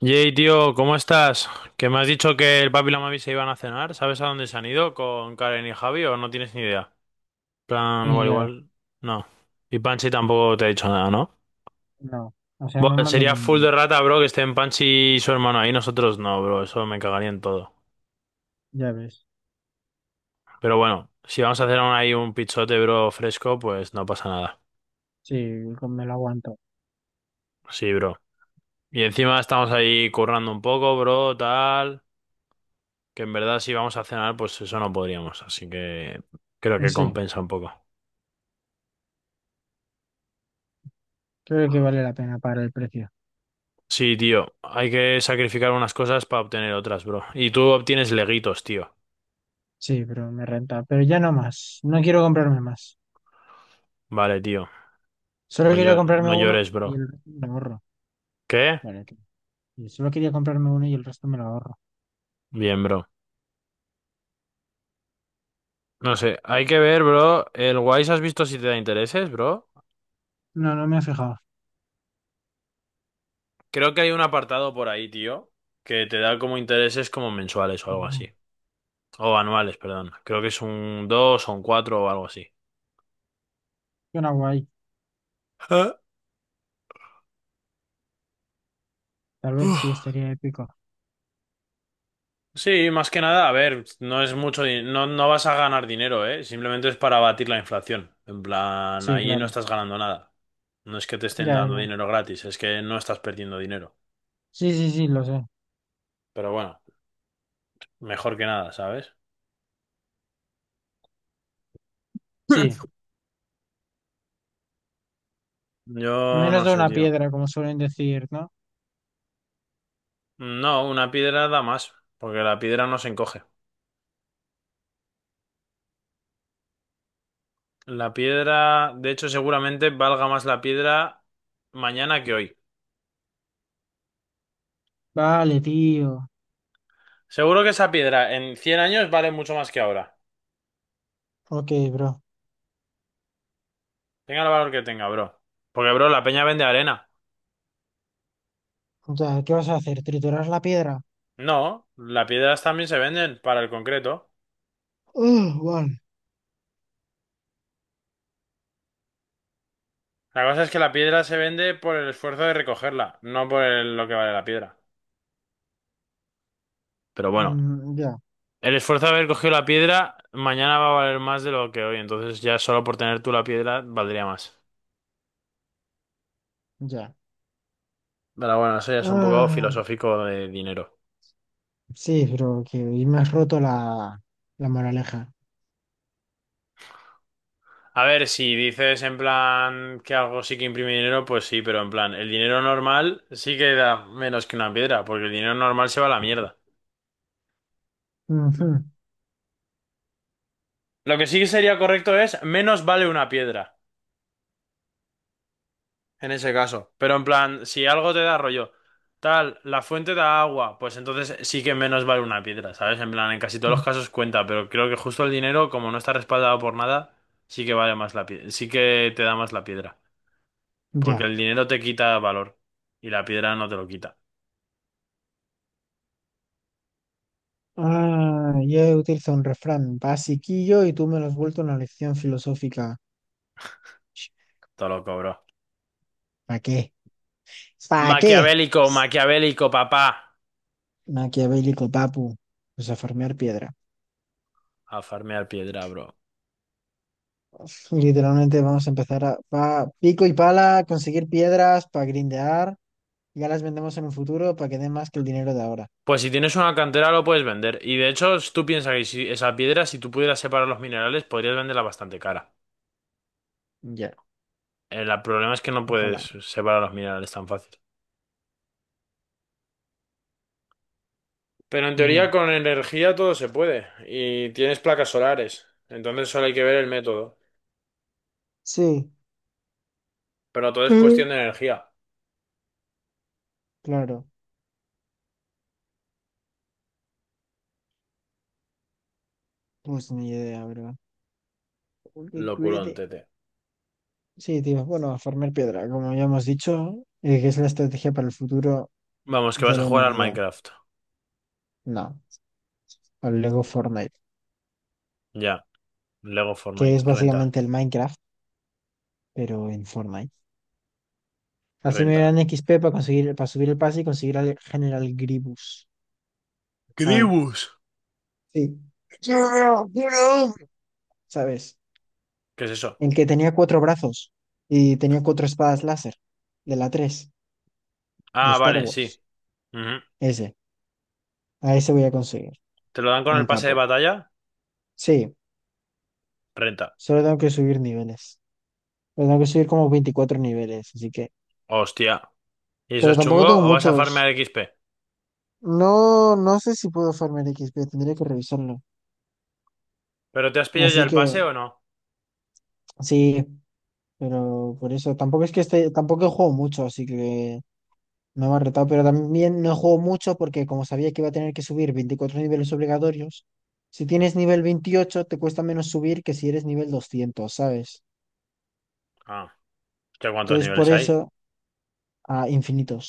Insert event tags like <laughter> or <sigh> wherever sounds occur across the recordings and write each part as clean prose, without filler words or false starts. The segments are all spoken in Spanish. Yey, tío, ¿cómo estás? Que me has dicho que el papi y la mami se iban a cenar. ¿Sabes a dónde se han ido con Karen y Javi o no tienes ni idea? Plan, Ni igual, idea, la- igual. No. Y Panchi tampoco te ha dicho nada, ¿no? no. O sea, me Buah, mando sería full de un... rata, bro, que estén Panchi y su hermano ahí. Nosotros no, bro. Eso me cagaría en todo. Ya ves. Pero bueno, si vamos a hacer aún ahí un pichote, bro, fresco, pues no pasa nada. Sí, con- me lo aguanto. Sí, bro. Y encima estamos ahí currando un poco, bro, tal. Que en verdad si vamos a cenar, pues eso no podríamos. Así que creo que Sí, compensa un poco. creo que vale la pena para el precio. Sí, tío, hay que sacrificar unas cosas para obtener otras, bro. Y tú obtienes leguitos, tío. Sí, pero me renta. Pero ya no más. No quiero comprarme más. Vale, tío. Solo No, quería comprarme no uno llores, y bro. el resto me lo ahorro. ¿Qué? Vale, tío. Y solo quería comprarme uno y el resto me lo ahorro. Bien, bro. No sé, hay que ver, bro. El Wise has visto si te da intereses, bro. No, no me he fijado. Creo que hay un apartado por ahí, tío, que te da como intereses como mensuales o algo Mm, así. O anuales, perdón. Creo que es un 2 o un 4 o algo así. Suena guay. Tal vez sí Ah. estaría épico. Sí, más que nada, a ver, no es mucho, no, no vas a ganar dinero, ¿eh? Simplemente es para abatir la inflación. En plan, Sí, ahí no claro. estás ganando nada. No es que te estén Ya, dando no. dinero gratis, es que no estás perdiendo dinero. Sí, sí, sí, lo sé. Pero bueno, mejor que nada, ¿sabes? Sí. <laughs> Yo Menos no de sé, una tío. piedra, como suelen decir, ¿no? No, una piedra da más, porque la piedra no se encoge. La piedra, de hecho, seguramente valga más la piedra mañana que hoy. Vale, tío. Seguro que esa piedra en 100 años vale mucho más que ahora. Ok, bro. Tenga el valor que tenga, bro. Porque, bro, la peña vende arena. Ya, ¿qué vas a hacer? ¿Triturar la piedra? No, las piedras también se venden para el concreto. Ah, vale. La cosa es que la piedra se vende por el esfuerzo de recogerla, no por lo que vale la piedra. Pero bueno, Mm, ya, el esfuerzo de haber cogido la piedra mañana va a valer más de lo que hoy, entonces ya solo por tener tú la piedra valdría más. ya. Pero bueno, eso ya es un poco Ah, filosófico de dinero. sí, pero que hoy me has roto la moraleja. A ver, si dices en plan que algo sí que imprime dinero, pues sí, pero en plan, el dinero normal sí que da menos que una piedra, porque el dinero normal se va a la mierda. Ujú, Lo que sí que sería correcto es menos vale una piedra, en ese caso. Pero en plan, si algo te da rollo, tal, la fuente da agua, pues entonces sí que menos vale una piedra, ¿sabes? En plan, en casi todos los mm, casos cuenta, pero creo que justo el dinero, como no está respaldado por nada, sí que vale más la piedra, sí que te da más la piedra. Porque ya. el dinero te quita valor y la piedra no te lo quita, Ah, yo he utilizado un refrán basiquillo y tú me lo has vuelto una lección filosófica. te lo cobro. ¿Para qué? ¿Para qué? Maquiavélico, maquiavélico, papá. Maquiavélico, papu. Pues a farmear piedra. A farmear piedra, bro. Literalmente vamos a empezar a pico y pala, conseguir piedras para grindear. Ya las vendemos en un futuro para que den más que el dinero de ahora. Pues si tienes una cantera lo puedes vender. Y de hecho, tú piensas que si esa piedra, si tú pudieras separar los minerales, podrías venderla bastante cara. Ya. El problema es que no puedes Ojalá. separar los minerales tan fácil. Pero en teoría Ya. con energía todo se puede. Y tienes placas solares. Entonces solo hay que ver el método. Sí, Pero todo es Mm. cuestión de energía. claro. Pues ni idea, bro. Porque Locurón, tete. sí, tío. Bueno, a farmear piedra, como ya hemos dicho, que es la estrategia para el futuro Vamos, que de vas a la jugar al humanidad. Minecraft. No, al Lego Fortnite, Ya. Lego que Fortnite. es Renta. básicamente el Minecraft, pero en Fortnite. Así me Renta. dan XP para conseguir, para subir el pase y conseguir al General Grievous. Ah, Gribus. sí. ¿Sabes? ¿Qué es eso? El que tenía cuatro brazos y tenía cuatro espadas láser. De la 3 de Ah, Star vale, sí. Wars. Ujú. Ese. A ese voy a conseguir. ¿Te lo dan con Un el pase de capo. batalla? Sí, Renta. solo tengo que subir niveles. Pero tengo que subir como 24 niveles, así que. Hostia. ¿Y eso Pero es tampoco chungo tengo o vas a farmear muchos. XP? No, no sé si puedo farmear XP, tendría que revisarlo. ¿Pero te has pillado ya Así el que, pase o no? sí, pero por eso. Tampoco es que esté, tampoco juego mucho, así que no me ha retado, pero también no juego mucho porque como sabía que iba a tener que subir 24 niveles obligatorios, si tienes nivel 28 te cuesta menos subir que si eres nivel 200, ¿sabes? Ah, ¿qué cuántos Entonces por niveles eso hay? a infinitos.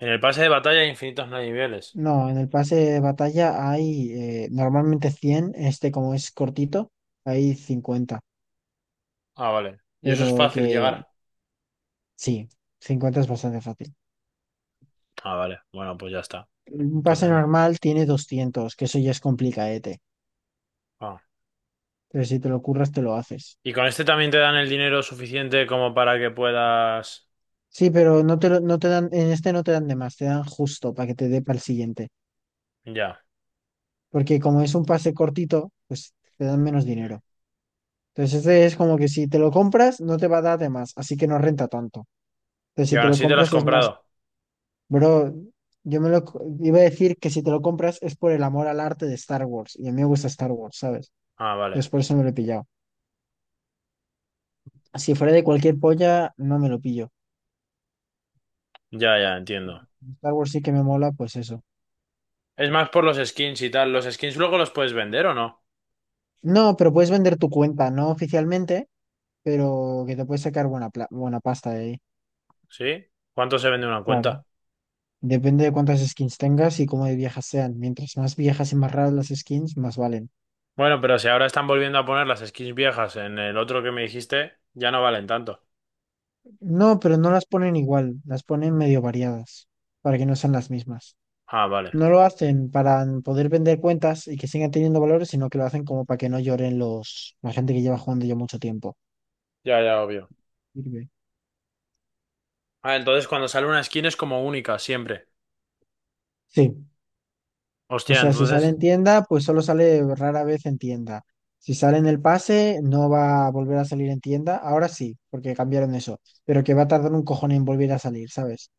En el pase de batalla hay infinitos niveles. No, en el pase de batalla hay normalmente 100. Este como es cortito, hay 50, Ah, vale. ¿Y eso es pero fácil que llegar? sí, 50 es bastante fácil. Ah, vale. Bueno, pues ya está. Un pase Entonces, no. normal tiene 200, que eso ya es complicadete, Ah. pero si te lo curras te lo haces. ¿Y con este también te dan el dinero suficiente como para que puedas... Sí, pero no no te dan, en este no te dan de más, te dan justo para que te dé para el siguiente. Ya. Porque como es un pase cortito, pues te dan menos dinero. Entonces este es como que si te lo compras, no te va a dar de más, así que no renta tanto. Entonces ¿Y si aún te lo así te lo has compras es más, comprado? bro, yo me lo iba a decir que si te lo compras es por el amor al arte de Star Wars. Y a mí me gusta Star Wars, ¿sabes? Ah, vale. Entonces por eso me lo he pillado. Si fuera de cualquier polla, no me lo pillo. Ya, ya, entiendo. Star Wars sí que me mola, pues eso. Es más por los skins y tal. ¿Los skins luego los puedes vender o no? No, pero puedes vender tu cuenta, no oficialmente, pero que te puedes sacar buena pasta de ahí, ¿Sí? ¿Cuánto se vende una claro. cuenta? Depende de cuántas skins tengas y cómo de viejas sean. Mientras más viejas y más raras las skins, más valen. Bueno, pero si ahora están volviendo a poner las skins viejas en el otro que me dijiste, ya no valen tanto. No, pero no las ponen igual, las ponen medio variadas, para que no sean las mismas. Ah, vale. No lo hacen para poder vender cuentas y que sigan teniendo valores, sino que lo hacen como para que no lloren la gente que lleva jugando ya mucho tiempo. Ya, ya, obvio. Sirve. Ah, entonces cuando sale una skin es como única, siempre. Sí. O Hostia, sea, si sale entonces. en tienda, pues solo sale rara vez en tienda. Si sale en el pase, no va a volver a salir en tienda. Ahora sí, porque cambiaron eso. Pero que va a tardar un cojón en volver a salir, ¿sabes?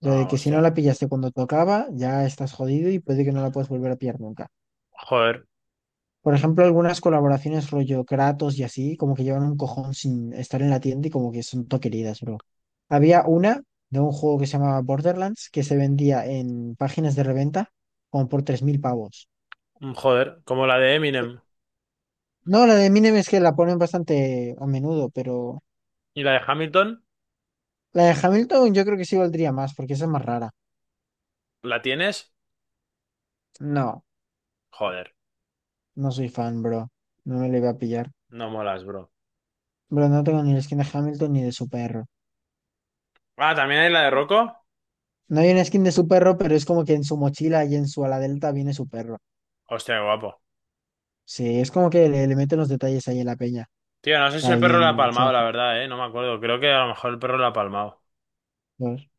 O sea, Ah, de que si no la hostia. pillaste cuando tocaba, ya estás jodido y puede que no la puedas volver a pillar nunca. Joder, Por ejemplo, algunas colaboraciones rollo Kratos y así, como que llevan un cojón sin estar en la tienda y como que son todo queridas, bro. Había una de un juego que se llamaba Borderlands que se vendía en páginas de reventa como por 3000 pavos. Joder. Como la de Eminem No, la de Eminem es que la ponen bastante a menudo, pero y la de Hamilton, la de Hamilton yo creo que sí valdría más, porque esa es más rara. ¿la tienes? No, Joder, no soy fan, bro. No me la iba a pillar. no molas, bro. Bro, no tengo ni la skin de Hamilton ni de su perro. Ah, también hay la de Rocco. No hay una skin de su perro, pero es como que en su mochila y en su ala delta viene su perro. Hostia, qué guapo. Sí, es como que le meten los detalles ahí en la peña. Tío, no sé si el Ahí perro la ha en palmado, Sea la Fan verdad, eh. No me acuerdo. Creo que a lo mejor el perro la ha palmado. dos.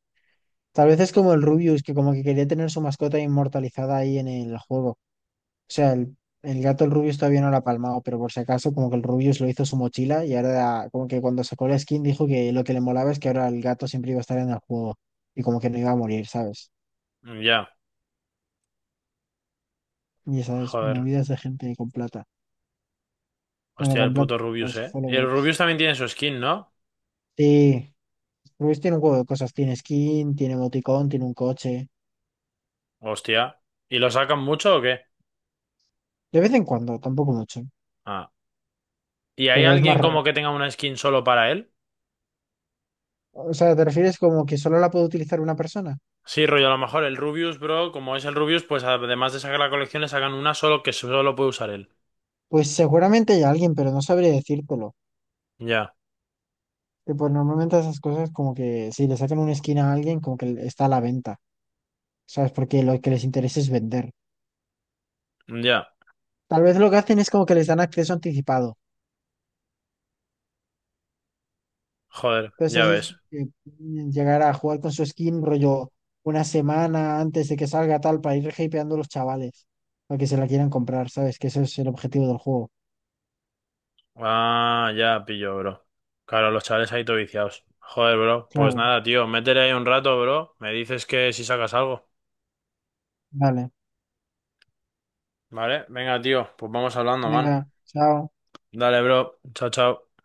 Tal vez es como el Rubius, que como que quería tener su mascota inmortalizada ahí en el juego. O sea, el gato, el Rubius todavía no lo ha palmado, pero por si acaso, como que el Rubius lo hizo su mochila y ahora, como que cuando sacó la skin, dijo que lo que le molaba es que ahora el gato siempre iba a estar en el juego y como que no iba a morir, ¿sabes? Mm, ya. Y sabes, Joder. movidas de gente con plata. Bueno, Hostia, el con plata, puto Rubius, los eh. Y el followers. Rubius también tiene su skin, ¿no? Sí, Rubius tiene un juego de cosas: tiene skin, tiene emoticón, tiene un coche. Hostia. ¿Y lo sacan mucho o qué? De vez en cuando, tampoco mucho, Ah. ¿Y hay pero es más alguien raro. como que tenga una skin solo para él? O sea, ¿te refieres como que solo la puede utilizar una persona? Sí, rollo, a lo mejor el Rubius, bro, como es el Rubius, pues además de sacar la colección, le sacan una solo que solo puede usar él. Pues seguramente hay alguien, pero no sabría decírtelo. Ya, Y pues normalmente esas cosas como que si le sacan una esquina a alguien, como que está a la venta, ¿sabes? Porque lo que les interesa es vender. ya. Tal vez lo que hacen es como que les dan acceso anticipado. Joder, Entonces ya así es ves. que pueden llegar a jugar con su skin rollo 1 semana antes de que salga tal para ir hypeando a los chavales para que se la quieran comprar, ¿sabes? Que eso es el objetivo del juego. Ah, ya pillo, bro. Claro, los chavales ahí todo viciados. Joder, bro. Pues Claro, nada, tío, métele ahí un rato, bro. Me dices que si sacas algo. vale. Vale, venga, tío, pues vamos hablando, man. Venga, chao. Dale, bro. Chao, chao.